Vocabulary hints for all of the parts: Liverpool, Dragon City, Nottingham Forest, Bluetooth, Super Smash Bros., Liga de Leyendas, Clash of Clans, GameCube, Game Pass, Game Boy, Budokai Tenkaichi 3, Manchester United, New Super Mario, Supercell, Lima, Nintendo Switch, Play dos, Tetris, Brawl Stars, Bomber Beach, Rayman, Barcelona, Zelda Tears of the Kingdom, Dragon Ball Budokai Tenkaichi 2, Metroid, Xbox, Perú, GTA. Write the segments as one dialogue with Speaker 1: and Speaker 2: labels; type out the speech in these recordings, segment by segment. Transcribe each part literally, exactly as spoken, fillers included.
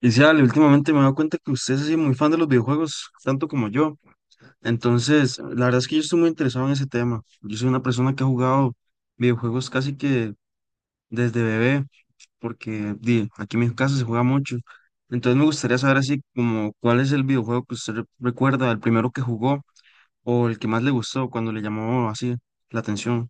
Speaker 1: Y sí, Ale, últimamente me he dado cuenta que usted es así muy fan de los videojuegos, tanto como yo. Entonces, la verdad es que yo estoy muy interesado en ese tema. Yo soy una persona que ha jugado videojuegos casi que desde bebé, porque di, aquí en mi casa se juega mucho. Entonces me gustaría saber así como cuál es el videojuego que usted re- recuerda, el primero que jugó o el que más le gustó cuando le llamó así la atención.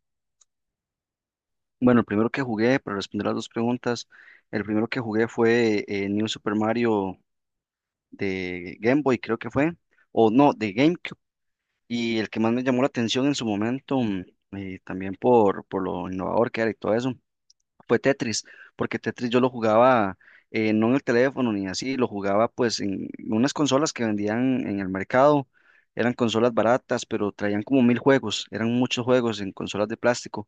Speaker 2: Bueno, el primero que jugué, para responder las dos preguntas, el primero que jugué fue eh, New Super Mario de Game Boy, creo que fue, o no, de GameCube. Y el que más me llamó la atención en su momento, mm, eh, también por, por lo innovador que era y todo eso, fue Tetris, porque Tetris yo lo jugaba eh, no en el teléfono ni así, lo jugaba pues en unas consolas que vendían en el mercado. Eran consolas baratas, pero traían como mil juegos, eran muchos juegos en consolas de plástico,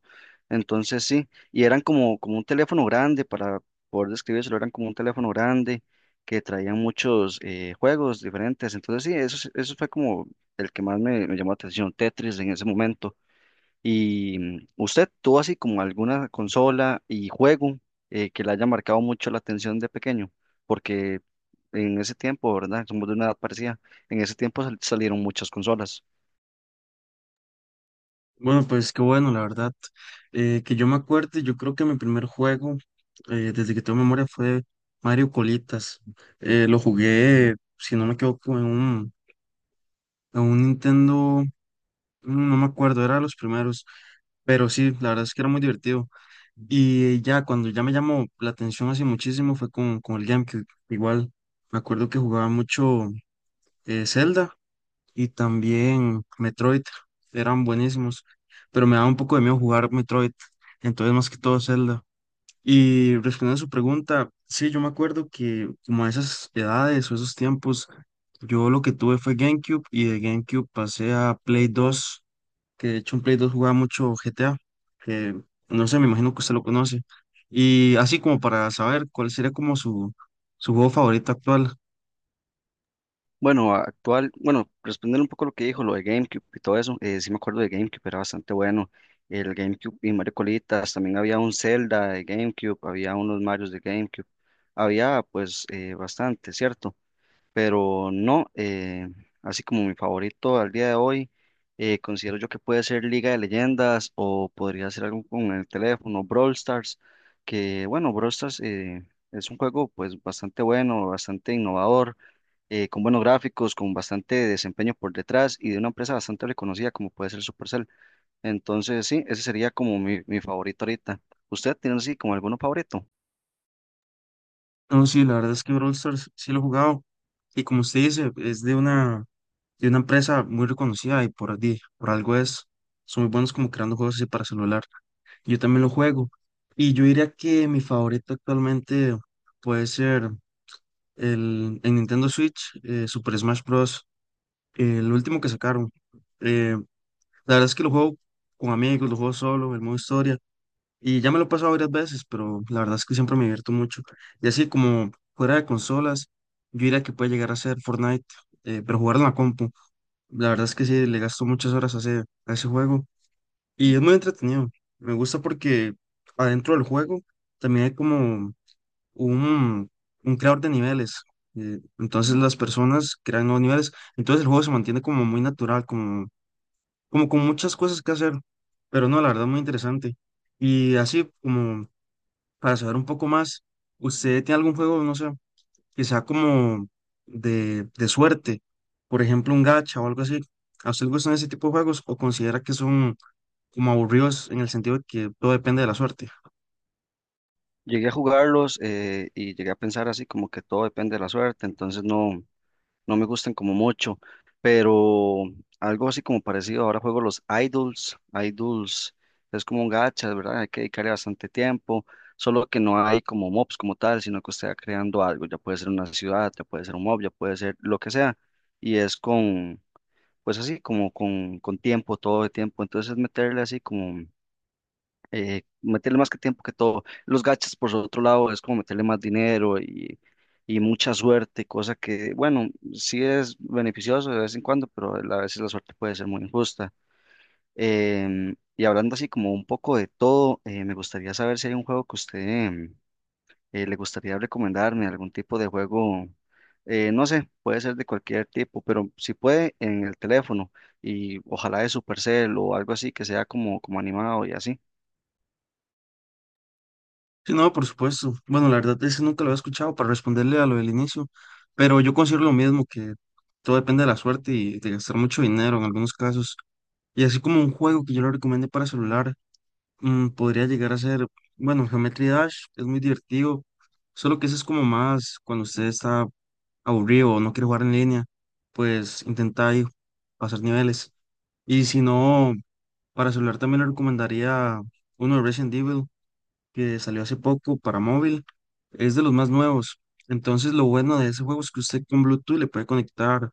Speaker 2: entonces sí. Y eran como, como un teléfono grande, para poder describírselo, eran como un teléfono grande que traían muchos eh, juegos diferentes, entonces sí, eso, es- eso fue como el que más me, me llamó la atención, Tetris en ese momento. ¿Y mm, usted tuvo así como alguna consola y juego eh, que le haya marcado mucho la atención de pequeño? Porque en ese tiempo, ¿verdad? Somos de una edad parecida. En ese tiempo sal- salieron muchas consolas.
Speaker 1: Bueno, pues qué bueno, la verdad. Eh, que yo me acuerde, yo creo que mi primer juego, eh, desde que tengo memoria, fue Mario Colitas. Eh, lo jugué, si no me equivoco, en un, en un Nintendo, mm, no me acuerdo, era de los primeros, pero sí, la verdad es que era muy divertido. Y ya, cuando ya me llamó la atención así muchísimo fue con, con el GameCube. Igual, me acuerdo que jugaba mucho eh, Zelda y también Metroid eran buenísimos, pero me daba un poco de miedo jugar Metroid, entonces más que todo Zelda. Y respondiendo a su pregunta, sí, yo me acuerdo que como a esas edades o esos tiempos, yo lo que tuve fue GameCube y de GameCube pasé a Play dos, que de hecho en Play dos jugaba mucho G T A, que no sé, me imagino que usted lo conoce. Y así como para saber cuál sería como su, su juego favorito actual.
Speaker 2: Bueno, actual, bueno, respondiendo un poco lo que dijo, lo de GameCube y todo eso, eh, sí me acuerdo de GameCube, era bastante bueno. El GameCube y Mario Colitas, también había un Zelda de GameCube, había unos Marios de GameCube, había pues eh, bastante, ¿cierto? Pero no, eh, así como mi favorito al día de hoy, eh, considero yo que puede ser Liga de Leyendas o podría ser algo con el teléfono, Brawl Stars, que bueno, Brawl Stars eh, es un juego pues bastante bueno, bastante innovador, eh, con buenos gráficos, con bastante desempeño por detrás y de una empresa bastante reconocida como puede ser Supercell. Entonces sí, ese sería como mi, mi favorito ahorita. ¿Usted tiene así como alguno favorito?
Speaker 1: No, sí, la verdad es que Brawl Stars sí lo he jugado. Y como usted dice, es de una, de una empresa muy reconocida y por, di- por algo es, son muy buenos como creando juegos así para celular. Yo también lo juego. Y yo diría que mi favorito actualmente puede ser el, en Nintendo Switch, eh, Super Smash Bros., eh, el último que sacaron. Eh, la verdad es que lo juego con amigos, lo juego solo, el modo historia. Y ya me lo he pasado varias veces, pero la verdad es que siempre me divierto mucho. Y así como fuera de consolas, yo diría que puede llegar a ser Fortnite, eh, pero jugarlo en la compu. La verdad es que sí, le gasto muchas horas a ese, a ese juego. Y es muy entretenido. Me gusta porque adentro del juego también hay como un, un creador de niveles. Eh, entonces las personas crean nuevos niveles. Entonces el juego se mantiene como muy natural, como, como con muchas cosas que hacer. Pero no, la verdad, muy interesante. Y así como para saber un poco más, ¿usted tiene algún juego, no sé, quizá como de, de suerte? Por ejemplo, un gacha o algo así. ¿A usted le gustan ese tipo de juegos o considera que son como aburridos en el sentido de que todo depende de la suerte?
Speaker 2: Llegué a jugarlos eh, y llegué a pensar así como que todo depende de la suerte, entonces no, no me gustan como mucho, pero algo así como parecido. Ahora juego los idols, idols es como un gacha, ¿verdad? Hay que dedicarle bastante tiempo, solo que no hay como mobs como tal, sino que usted va creando algo, ya puede ser una ciudad, ya puede ser un mob, ya puede ser lo que sea, y es con, pues así, como con, con tiempo, todo el tiempo, entonces es meterle así como eh, meterle más que tiempo que todo. Los gachas, por otro lado, es como meterle más dinero y, y mucha suerte, cosa que, bueno, sí es beneficioso de vez en cuando, pero a veces la suerte puede ser muy injusta. Em, y hablando así como un poco de todo, eh, me gustaría saber si hay un juego que usted em, eh, le gustaría recomendarme, algún tipo de juego, eh, no sé, puede ser de cualquier tipo, pero si puede en el teléfono y ojalá de Supercell o algo así que sea como, como animado y así.
Speaker 1: Sí, no, por supuesto. Bueno, la verdad es que nunca lo había escuchado para responderle a lo del inicio, pero yo considero lo mismo, que todo depende de la suerte y de gastar mucho dinero en algunos casos. Y así como un juego que yo le recomiendo para celular. Mm, podría llegar a ser, bueno, Geometry Dash es muy divertido, solo que eso es como más cuando usted está aburrido o no quiere jugar en línea, pues intenta ahí pasar niveles. Y si no, para celular también le recomendaría uno de Resident Evil que salió hace poco para móvil, es de los más nuevos. Entonces lo bueno de ese juego es que usted con Bluetooth le puede conectar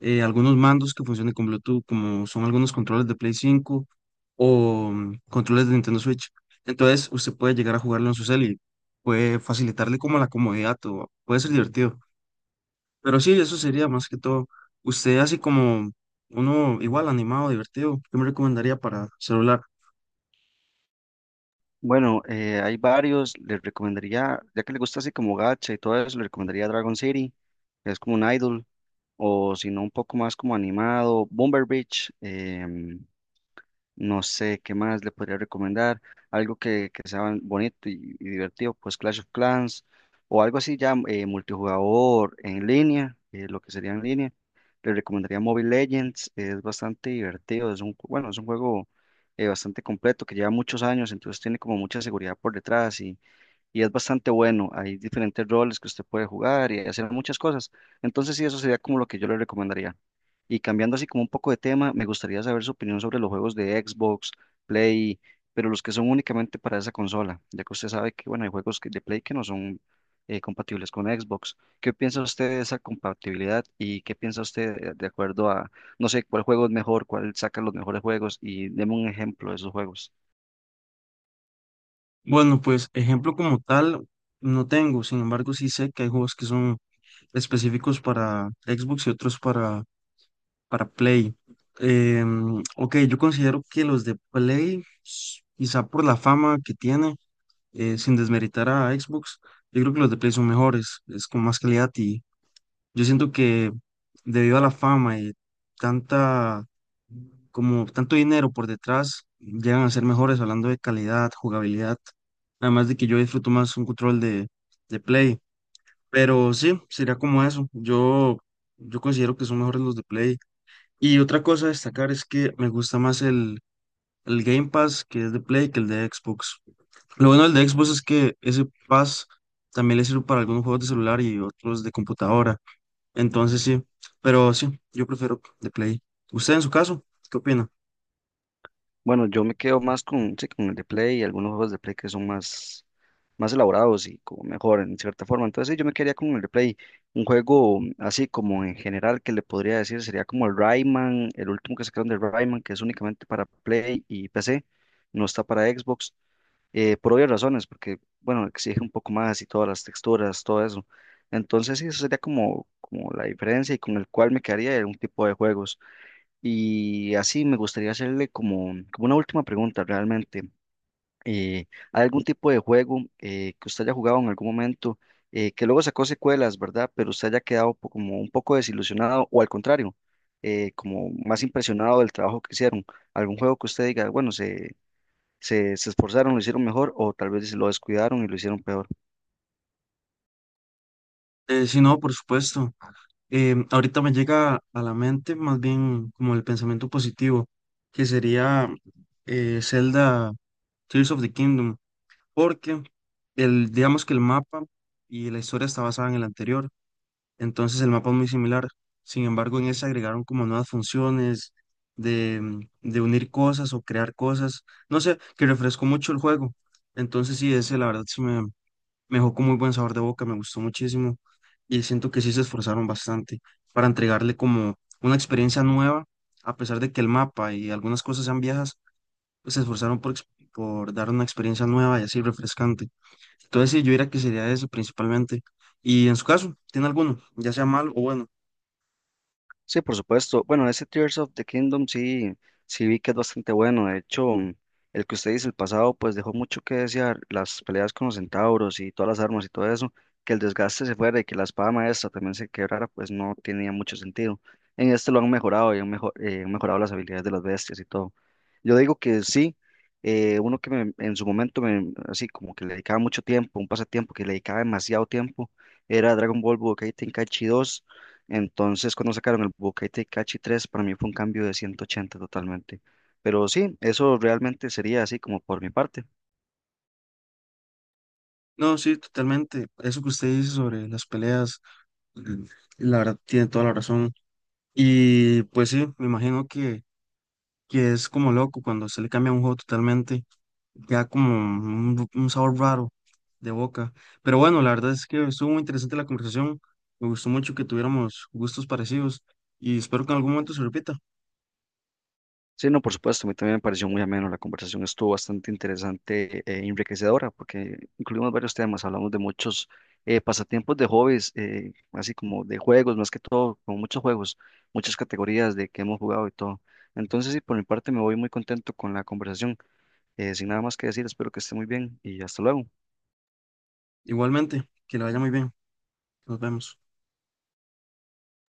Speaker 1: eh, algunos mandos que funcionen con Bluetooth, como son algunos controles de Play cinco o mm, controles de Nintendo Switch. Entonces, usted puede llegar a jugarlo en su cel y puede facilitarle como la comodidad o puede ser divertido. Pero sí, eso sería más que todo. Usted así como uno igual animado, divertido, ¿qué me recomendaría para celular?
Speaker 2: Bueno, eh, hay varios, les recomendaría, ya que le gusta así como gacha y todo eso, le recomendaría Dragon City, que es como un idol, o si no un poco más como animado, Bomber Beach. Em, no sé qué más le podría recomendar. Algo que, que sea bonito y, y divertido, pues Clash of Clans o algo así ya eh, multijugador en línea, eh, lo que sería en línea. Le recomendaría Mobile Legends, es bastante divertido, es un, ju- bueno, es un juego eh, bastante completo que lleva muchos años, entonces tiene como mucha seguridad por detrás y es bastante bueno. Hay diferentes roles que usted puede jugar y hacer muchas cosas. Entonces, sí, eso sería como lo que yo le recomendaría. Y cambiando así como un poco de tema, me gustaría saber su opinión sobre los juegos de Xbox, Play, pero los que son únicamente para esa consola, ya que usted sabe que, bueno, hay juegos que- de Play que no son eh, compatibles con Xbox. ¿Qué piensa usted de esa compatibilidad y qué piensa usted de de acuerdo a, no sé, cuál juego es mejor, cuál saca los mejores juegos y deme un ejemplo de esos juegos?
Speaker 1: Bueno, pues ejemplo como tal no tengo, sin embargo sí sé que hay juegos que son específicos para Xbox y otros para Para Play. Em, ok, yo considero que los de Play, s- quizá por la fama que tiene, eh, sin desmeritar a Xbox, yo creo que los de Play son mejores, es con más calidad y yo siento que debido a la fama y tanta, como tanto dinero por detrás, llegan a ser mejores hablando de calidad, jugabilidad, además de que yo disfruto más un control de, de Play. Pero sí, sería como eso. Yo, yo considero que son mejores los de Play. Y otra cosa a destacar es que me gusta más el, el Game Pass que es de Play que el de Xbox. Lo bueno del de Xbox es que ese Pass también le sirve para algunos juegos de celular y otros de computadora. Entonces sí, pero sí, yo prefiero de Play. ¿Usted en su caso? ¿Qué opina?
Speaker 2: Bueno, yo me quedo más con, sí, con el de Play y algunos juegos de Play que son más, más elaborados y como mejor en cierta forma. Entonces, sí, yo me quedaría con el de Play. Un juego así como en general que le podría decir sería como el Rayman, el último que sacaron de Rayman, que es únicamente para Play y P C, no está para Xbox, eh, por obvias razones, porque, bueno, exige un poco más y todas las texturas, todo eso. Entonces, sí, eso sería como, como la diferencia y con el cual me quedaría en un tipo de juegos. Y así me gustaría hacerle como, como una última pregunta realmente. Eh, ¿hay algún tipo de juego eh, que usted haya jugado en algún momento eh, que luego sacó secuelas, ¿verdad? Pero usted haya quedado po- como un poco desilusionado o al contrario, eh, como más impresionado del trabajo que hicieron? ¿Algún juego que usted diga, bueno, se, se, se esforzaron, lo hicieron mejor o tal vez lo descuidaron y lo hicieron peor?
Speaker 1: Eh, sí, no, por supuesto. Em, ahorita me llega a la mente más bien como el pensamiento positivo, que sería eh, Zelda Tears of the Kingdom. Porque el, digamos que el mapa y la historia está basada en el anterior, entonces el mapa es muy similar. Sin embargo, en ese agregaron como nuevas funciones de, mm, de unir cosas o crear cosas, no sé, que refrescó mucho el juego. Entonces sí, ese la verdad sí me, me dejó con muy buen sabor de boca, me gustó muchísimo y siento que sí se esforzaron bastante para entregarle como una experiencia nueva, a pesar de que el mapa y algunas cosas sean viejas se esforzaron por, ex- por dar una experiencia nueva y así refrescante. Entonces, sí, yo diría que sería eso principalmente. Y en su caso, ¿tiene alguno? Ya sea malo o bueno.
Speaker 2: Sí, por supuesto. Bueno, ese Tears of the Kingdom sí, sí vi que es bastante bueno. De hecho, mm, el que usted dice, el pasado, pues dejó mucho que desear. Las peleas con los centauros y todas las armas y todo eso, que el desgaste se fuera y que la espada maestra también se quebrara, pues no tenía mucho sentido. En este lo han mejorado y han, mejo- eh, han mejorado las habilidades de las bestias y todo. Yo digo que sí, eh, uno que me- en su momento, me, así como que le dedicaba mucho tiempo, un pasatiempo que le dedicaba demasiado tiempo, era Dragon Ball Budokai Tenkaichi dos. Entonces, cuando sacaron el Budokai Tenkaichi tres, para mí fue un cambio de ciento ochenta totalmente. Pero sí, eso realmente sería así como por mi parte.
Speaker 1: No, sí, totalmente. Eso que usted dice sobre las peleas, mm, la verdad, tiene toda la razón. Y pues sí, me imagino que, que es como loco cuando se le cambia un juego totalmente. Queda como un, un sabor raro de boca. Pero bueno, la verdad es que estuvo muy interesante la conversación. Me gustó mucho que tuviéramos gustos parecidos y espero que en algún momento se repita.
Speaker 2: Sí, no, por supuesto, a mí también me pareció muy ameno. La conversación estuvo bastante interesante e enriquecedora porque incluimos varios temas, hablamos de muchos eh, pasatiempos de hobbies, eh, así como de juegos, más que todo, como muchos juegos, muchas categorías de que hemos jugado y todo. Entonces, sí, por mi parte me voy muy contento con la conversación. Eh, sin nada más que decir, espero que esté muy bien y hasta luego.
Speaker 1: Igualmente, que le vaya muy bien. Nos vemos.